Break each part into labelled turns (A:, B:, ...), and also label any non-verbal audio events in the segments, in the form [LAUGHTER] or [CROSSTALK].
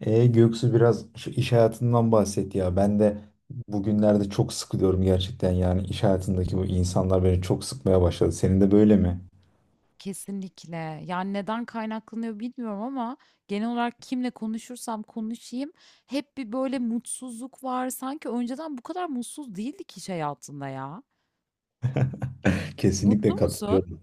A: Göksu biraz şu iş hayatından bahset ya. Ben de bugünlerde çok sıkılıyorum gerçekten. Yani iş hayatındaki bu insanlar beni çok sıkmaya başladı. Senin de böyle mi?
B: Kesinlikle. Yani neden kaynaklanıyor bilmiyorum ama genel olarak kimle konuşursam konuşayım hep bir böyle mutsuzluk var. Sanki önceden bu kadar mutsuz değildik iş hayatında ya.
A: [LAUGHS] Kesinlikle
B: Mutlu musun?
A: katılıyorum.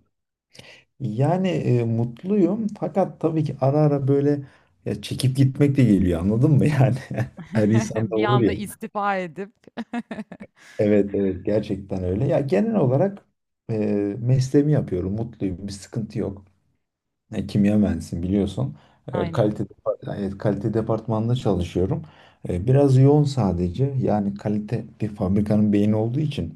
A: Yani mutluyum, fakat tabii ki ara ara böyle ya çekip gitmek de geliyor, anladın mı yani? [LAUGHS] Her
B: [LAUGHS]
A: insanda
B: Bir
A: olur
B: anda
A: ya.
B: istifa edip.
A: Evet, evet, gerçekten öyle. Ya genel olarak e, mesleğimi yapıyorum, mutluyum, bir sıkıntı yok. Kimya mühendisiyim, biliyorsun.
B: [LAUGHS]
A: E,
B: Aynen.
A: kalite evet, kalite departmanında çalışıyorum. Biraz yoğun sadece. Yani kalite bir fabrikanın beyni olduğu için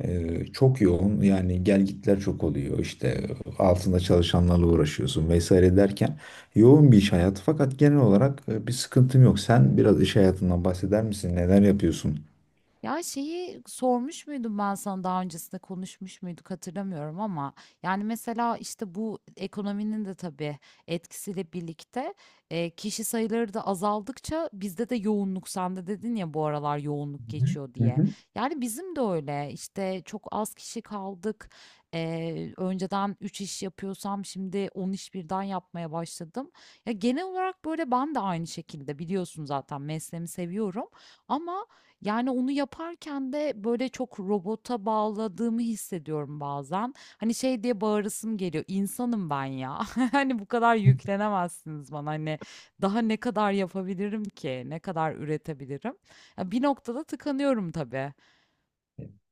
A: çok yoğun. Yani gelgitler çok oluyor. İşte altında çalışanlarla uğraşıyorsun vesaire derken yoğun bir iş hayatı. Fakat genel olarak bir sıkıntım yok. Sen biraz iş hayatından bahseder misin? Neler yapıyorsun?
B: Ya şeyi sormuş muydum ben sana daha öncesinde konuşmuş muyduk hatırlamıyorum ama yani mesela işte bu ekonominin de tabii etkisiyle birlikte kişi sayıları da azaldıkça bizde de yoğunluk sen de dedin ya bu aralar yoğunluk
A: Hı hı.
B: geçiyor
A: Hı
B: diye.
A: hı.
B: Yani bizim de öyle işte çok az kişi kaldık. Önceden 3 iş yapıyorsam şimdi 10 iş birden yapmaya başladım. Ya genel olarak böyle ben de aynı şekilde biliyorsun zaten mesleğimi seviyorum. Ama yani onu yaparken de böyle çok robota bağladığımı hissediyorum bazen. Hani şey diye bağırasım geliyor. İnsanım ben ya. [LAUGHS] Hani bu kadar yüklenemezsiniz bana. Hani daha ne kadar yapabilirim ki? Ne kadar üretebilirim? Ya bir noktada tıkanıyorum tabii.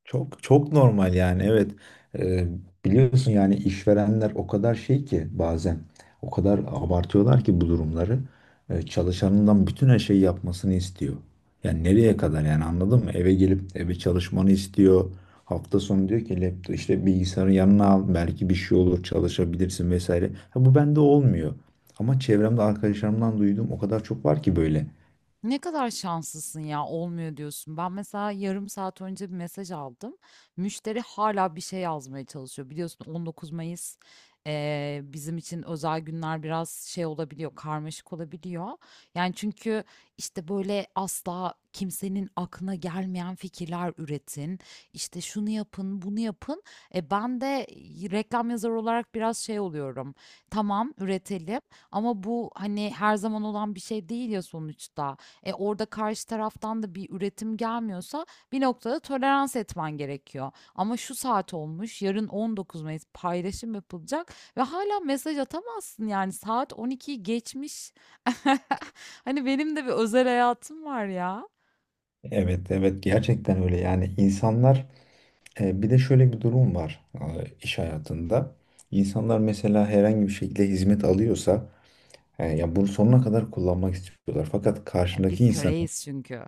A: Çok çok normal yani, evet. Ee, Biliyorsun, yani işverenler o kadar şey ki bazen, o kadar abartıyorlar ki bu durumları. Çalışanından bütün her şeyi yapmasını istiyor. Yani nereye kadar, yani, anladın mı? Eve gelip eve çalışmanı istiyor. Hafta sonu diyor ki laptop, işte bilgisayarı yanına al, belki bir şey olur çalışabilirsin vesaire. Ha, bu bende olmuyor. Ama çevremde arkadaşlarımdan duyduğum o kadar çok var ki böyle.
B: Ne kadar şanslısın ya olmuyor diyorsun. Ben mesela yarım saat önce bir mesaj aldım. Müşteri hala bir şey yazmaya çalışıyor. Biliyorsun 19 Mayıs bizim için özel günler biraz şey olabiliyor, karmaşık olabiliyor. Yani çünkü işte böyle asla kimsenin aklına gelmeyen fikirler üretin. İşte şunu yapın, bunu yapın. Ben de reklam yazarı olarak biraz şey oluyorum. Tamam üretelim ama bu hani her zaman olan bir şey değil ya sonuçta. Orada karşı taraftan da bir üretim gelmiyorsa bir noktada tolerans etmen gerekiyor. Ama şu saat olmuş, yarın 19 Mayıs paylaşım yapılacak ve hala mesaj atamazsın yani saat 12'yi geçmiş. [LAUGHS] Hani benim de bir özel hayatım var ya.
A: Evet, evet, gerçekten öyle, yani insanlar. Bir de şöyle bir durum var, iş hayatında. İnsanlar mesela herhangi bir şekilde hizmet alıyorsa, ya bunu sonuna kadar kullanmak istiyorlar. Fakat karşındaki
B: Biz
A: insanın,
B: köreyiz çünkü.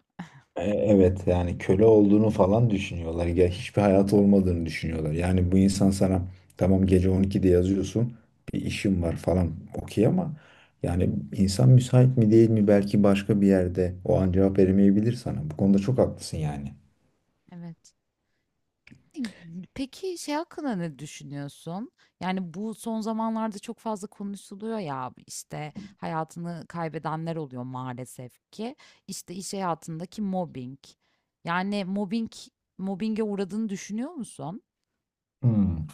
A: evet, yani köle olduğunu falan düşünüyorlar. Ya hiçbir hayatı olmadığını düşünüyorlar. Yani bu insan sana, tamam, gece 12'de yazıyorsun, bir işim var falan, okey, ama yani insan müsait mi değil mi, belki başka bir yerde o an cevap veremeyebilir sana. Bu konuda çok haklısın, yani.
B: Evet. Peki şey hakkında ne düşünüyorsun? Yani bu son zamanlarda çok fazla konuşuluyor ya işte hayatını kaybedenler oluyor maalesef ki. İşte iş hayatındaki mobbing. Yani mobbinge uğradığını düşünüyor musun?
A: Hmm.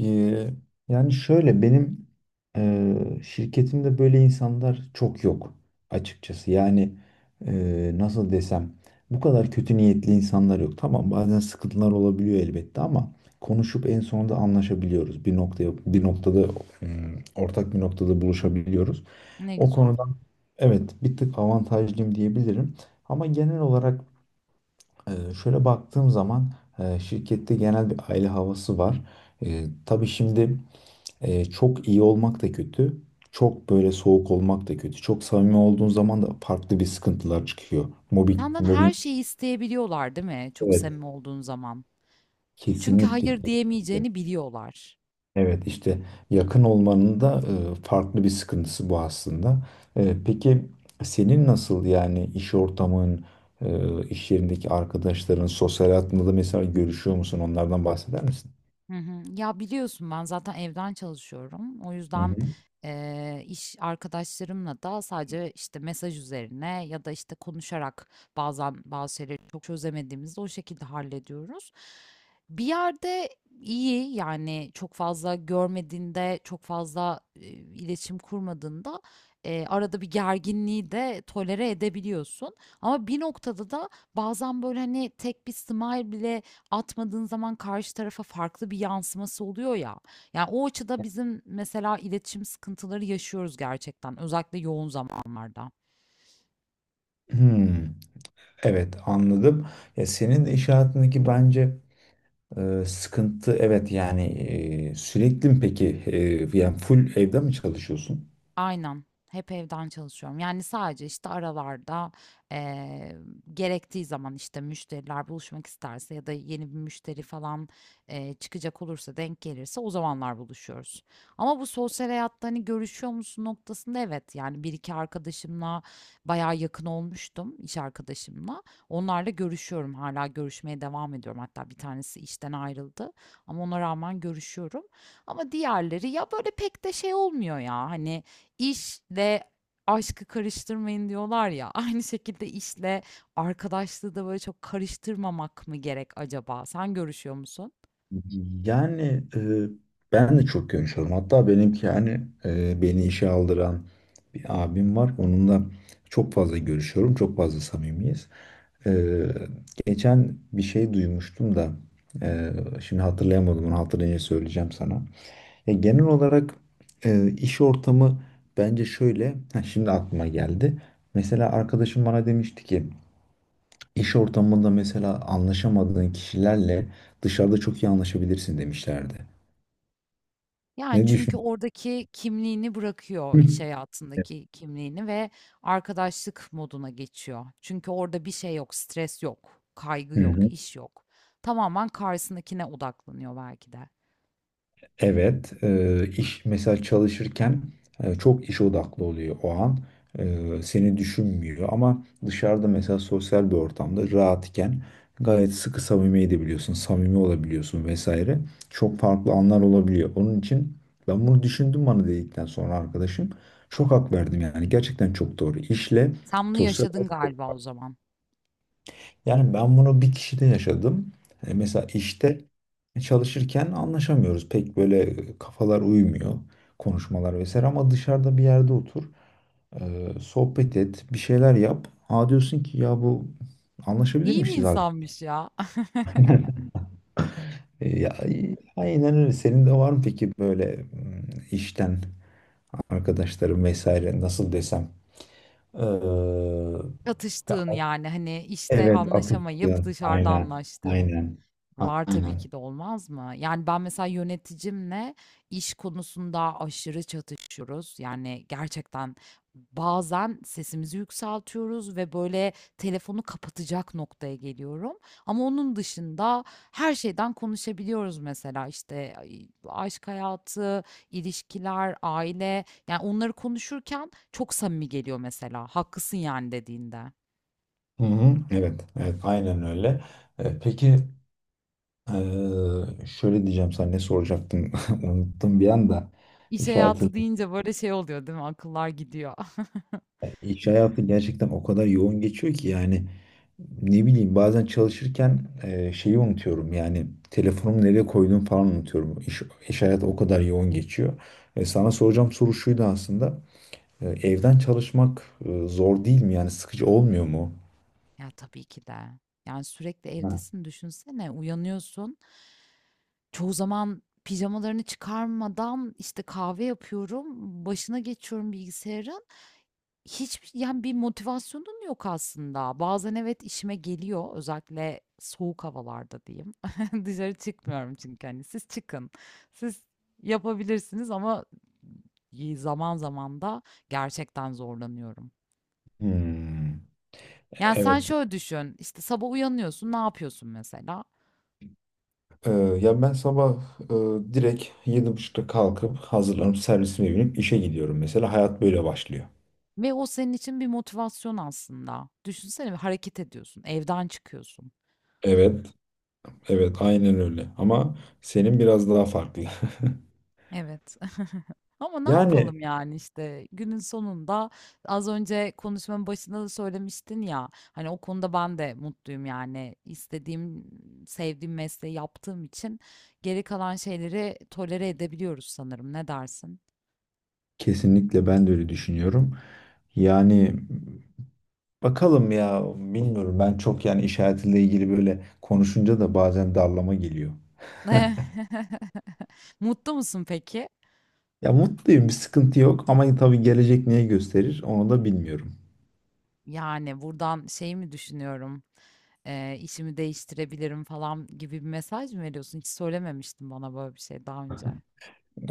A: Ee, yani şöyle, benim şirketimde böyle insanlar çok yok açıkçası. Yani nasıl desem, bu kadar kötü niyetli insanlar yok. Tamam, bazen sıkıntılar olabiliyor elbette, ama konuşup en sonunda anlaşabiliyoruz. Bir noktada, ortak bir noktada buluşabiliyoruz.
B: Ne
A: O
B: güzel.
A: konudan, evet, bir tık avantajlıyım diyebilirim. Ama genel olarak, e, şöyle baktığım zaman, şirkette genel bir aile havası var. Tabii şimdi. Çok iyi olmak da kötü. Çok böyle soğuk olmak da kötü. Çok samimi olduğun zaman da farklı bir sıkıntılar çıkıyor. Mobbing,
B: Senden her
A: mobbing,
B: şeyi isteyebiliyorlar değil mi? Çok
A: evet,
B: samimi olduğun zaman. Çünkü
A: kesinlikle.
B: hayır
A: Kesinlikle.
B: diyemeyeceğini biliyorlar.
A: Evet, işte yakın olmanın da farklı bir sıkıntısı bu aslında. Peki senin nasıl, yani iş ortamın, iş yerindeki arkadaşların, sosyal hayatında da mesela görüşüyor musun? Onlardan bahseder misin?
B: Hı hı. Ya biliyorsun ben zaten evden çalışıyorum. O
A: Hı
B: yüzden
A: hı.
B: iş arkadaşlarımla da sadece işte mesaj üzerine ya da işte konuşarak bazen bazı şeyleri çok çözemediğimizde o şekilde hallediyoruz. Bir yerde iyi yani çok fazla görmediğinde, çok fazla iletişim kurmadığında arada bir gerginliği de tolere edebiliyorsun. Ama bir noktada da bazen böyle hani tek bir smile bile atmadığın zaman karşı tarafa farklı bir yansıması oluyor ya. Yani o açıda bizim mesela iletişim sıkıntıları yaşıyoruz gerçekten özellikle yoğun zamanlarda.
A: Hmm, evet, anladım. Ya senin de iş hayatındaki bence, sıkıntı, evet yani sürekli mi peki, yani full evde mi çalışıyorsun?
B: Aynen. Hep evden çalışıyorum. Yani sadece işte aralarda eee, gerektiği zaman işte müşteriler buluşmak isterse ya da yeni bir müşteri falan çıkacak olursa denk gelirse o zamanlar buluşuyoruz. Ama bu sosyal hayatta hani görüşüyor musun noktasında evet yani bir iki arkadaşımla bayağı yakın olmuştum iş arkadaşımla. Onlarla görüşüyorum hala görüşmeye devam ediyorum. Hatta bir tanesi işten ayrıldı ama ona rağmen görüşüyorum. Ama diğerleri ya böyle pek de şey olmuyor ya hani. İşle aşkı karıştırmayın diyorlar ya. [LAUGHS] Aynı şekilde işle arkadaşlığı da böyle çok karıştırmamak mı gerek acaba? Sen görüşüyor musun?
A: Yani ben de çok görüşüyorum. Hatta benimki, yani beni işe aldıran bir abim var. Onunla çok fazla görüşüyorum. Çok fazla samimiyiz. E, Geçen bir şey duymuştum da e, şimdi hatırlayamadım. Onu hatırlayınca söyleyeceğim sana. Genel olarak iş ortamı, bence şöyle. Ha, şimdi aklıma geldi. Mesela arkadaşım bana demişti ki, İş ortamında mesela anlaşamadığın kişilerle dışarıda çok iyi anlaşabilirsin demişlerdi.
B: Yani
A: Ne
B: çünkü
A: düşün?
B: oradaki kimliğini
A: [LAUGHS]
B: bırakıyor
A: Hı
B: iş hayatındaki kimliğini ve arkadaşlık moduna geçiyor. Çünkü orada bir şey yok, stres yok, kaygı yok,
A: hı.
B: iş yok. Tamamen karşısındakine odaklanıyor belki de.
A: Evet, iş mesela çalışırken çok iş odaklı oluyor o an. Seni düşünmüyor, ama dışarıda mesela sosyal bir ortamda rahatken gayet sıkı samimi edebiliyorsun, samimi olabiliyorsun vesaire. Çok farklı anlar olabiliyor. Onun için ben bunu düşündüm, bana dedikten sonra arkadaşım, çok hak verdim yani, gerçekten çok doğru. İşle
B: Sen bunu
A: sosyal
B: yaşadın
A: hayat,
B: galiba o zaman.
A: yani ben bunu bir kişide yaşadım. Mesela işte çalışırken anlaşamıyoruz. Pek böyle kafalar uymuyor. Konuşmalar vesaire, ama dışarıda bir yerde otur, sohbet et. Bir şeyler yap. Ha, diyorsun ki ya bu anlaşabilir
B: İyi bir
A: miyiz abi?
B: insanmış ya.
A: Ya, aynen öyle. Senin de var mı peki böyle, işten arkadaşların vesaire, nasıl desem? Ee,
B: Çatıştığın,
A: ve-
B: yani, hani, işte,
A: evet
B: anlaşamayıp
A: atıştığın.
B: dışarıda
A: Aynen.
B: anlaştığın
A: Aynen.
B: var tabii
A: Aynen.
B: ki de, olmaz mı? Yani, ben mesela yöneticimle iş konusunda aşırı çatışıyoruz. Yani, gerçekten bazen sesimizi yükseltiyoruz ve, böyle, telefonu kapatacak noktaya geliyorum ama onun dışında her şeyden konuşabiliyoruz mesela. İşte ay aşk hayatı, ilişkiler, aile, yani, onları konuşurken çok samimi geliyor mesela, "Haklısın, yani." dediğinde.
A: Hı hı, evet, evet, aynen öyle. Peki, şöyle diyeceğim sana, ne soracaktım [LAUGHS] unuttum bir anda.
B: İş
A: İş hayatı,
B: hayatı deyince böyle şey oluyor değil mi? Akıllar gidiyor. [LAUGHS]
A: iş hayatı gerçekten o kadar yoğun geçiyor ki yani, ne bileyim bazen çalışırken şeyi unutuyorum, yani telefonumu nereye koyduğumu falan unutuyorum. İş hayatı o kadar yoğun geçiyor. Sana soracağım soru şuydu aslında. Evden çalışmak zor değil mi? Yani sıkıcı olmuyor mu?
B: Ya tabii ki de. Yani sürekli
A: Ha.
B: evdesin düşünsene. Uyanıyorsun. Çoğu zaman pijamalarını çıkarmadan işte kahve yapıyorum. Başına geçiyorum bilgisayarın. Hiçbir yani bir motivasyonun yok aslında. Bazen evet işime geliyor. Özellikle soğuk havalarda diyeyim. [LAUGHS] Dışarı çıkmıyorum çünkü hani siz çıkın. Siz yapabilirsiniz ama zaman zaman da gerçekten zorlanıyorum.
A: Hmm,
B: Yani, sen
A: evet
B: şöyle düşün, işte, sabah uyanıyorsun, ne yapıyorsun mesela?
A: Ee, ya ben sabah direkt 7.30'da kalkıp hazırlanıp servisime binip işe gidiyorum. Mesela hayat böyle başlıyor.
B: Ve o senin için bir motivasyon aslında. Düşünsene bir hareket ediyorsun, evden çıkıyorsun.
A: Evet, evet, aynen öyle. Ama senin biraz daha farklı.
B: Evet. [LAUGHS] Ama
A: [LAUGHS]
B: ne
A: Yani
B: yapalım, yani, işte, günün sonunda az önce konuşmanın başında da söylemiştin ya, hani, o konuda ben de mutluyum, yani, istediğim, sevdiğim mesleği yaptığım için geri kalan şeyleri tolere edebiliyoruz sanırım. Ne dersin?
A: kesinlikle ben de öyle düşünüyorum. Yani bakalım ya, bilmiyorum, ben çok yani iş hayatıyla ilgili böyle konuşunca da bazen darlama geliyor.
B: [LAUGHS] Mutlu musun peki?
A: Ya mutluyum, bir sıkıntı yok, ama tabii gelecek neyi gösterir onu da bilmiyorum.
B: Yani, buradan şey mi düşünüyorum, işimi değiştirebilirim falan gibi bir mesaj mı veriyorsun? Hiç söylememiştin bana böyle bir şey daha önce.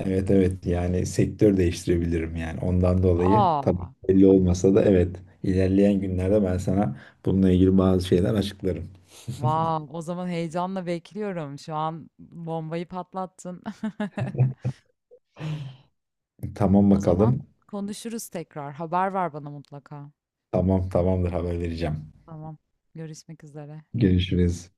A: Evet, evet, yani sektör değiştirebilirim, yani ondan dolayı, tabii
B: Aa,
A: belli olmasa da, evet, ilerleyen günlerde ben sana bununla ilgili bazı şeyler açıklarım.
B: wow, o zaman heyecanla bekliyorum. Şu an bombayı patlattın. [LAUGHS]
A: Tamam,
B: O zaman
A: bakalım.
B: konuşuruz tekrar. Haber ver bana mutlaka.
A: Tamam, tamamdır, haber vereceğim.
B: Tamam. Görüşmek üzere.
A: Görüşürüz.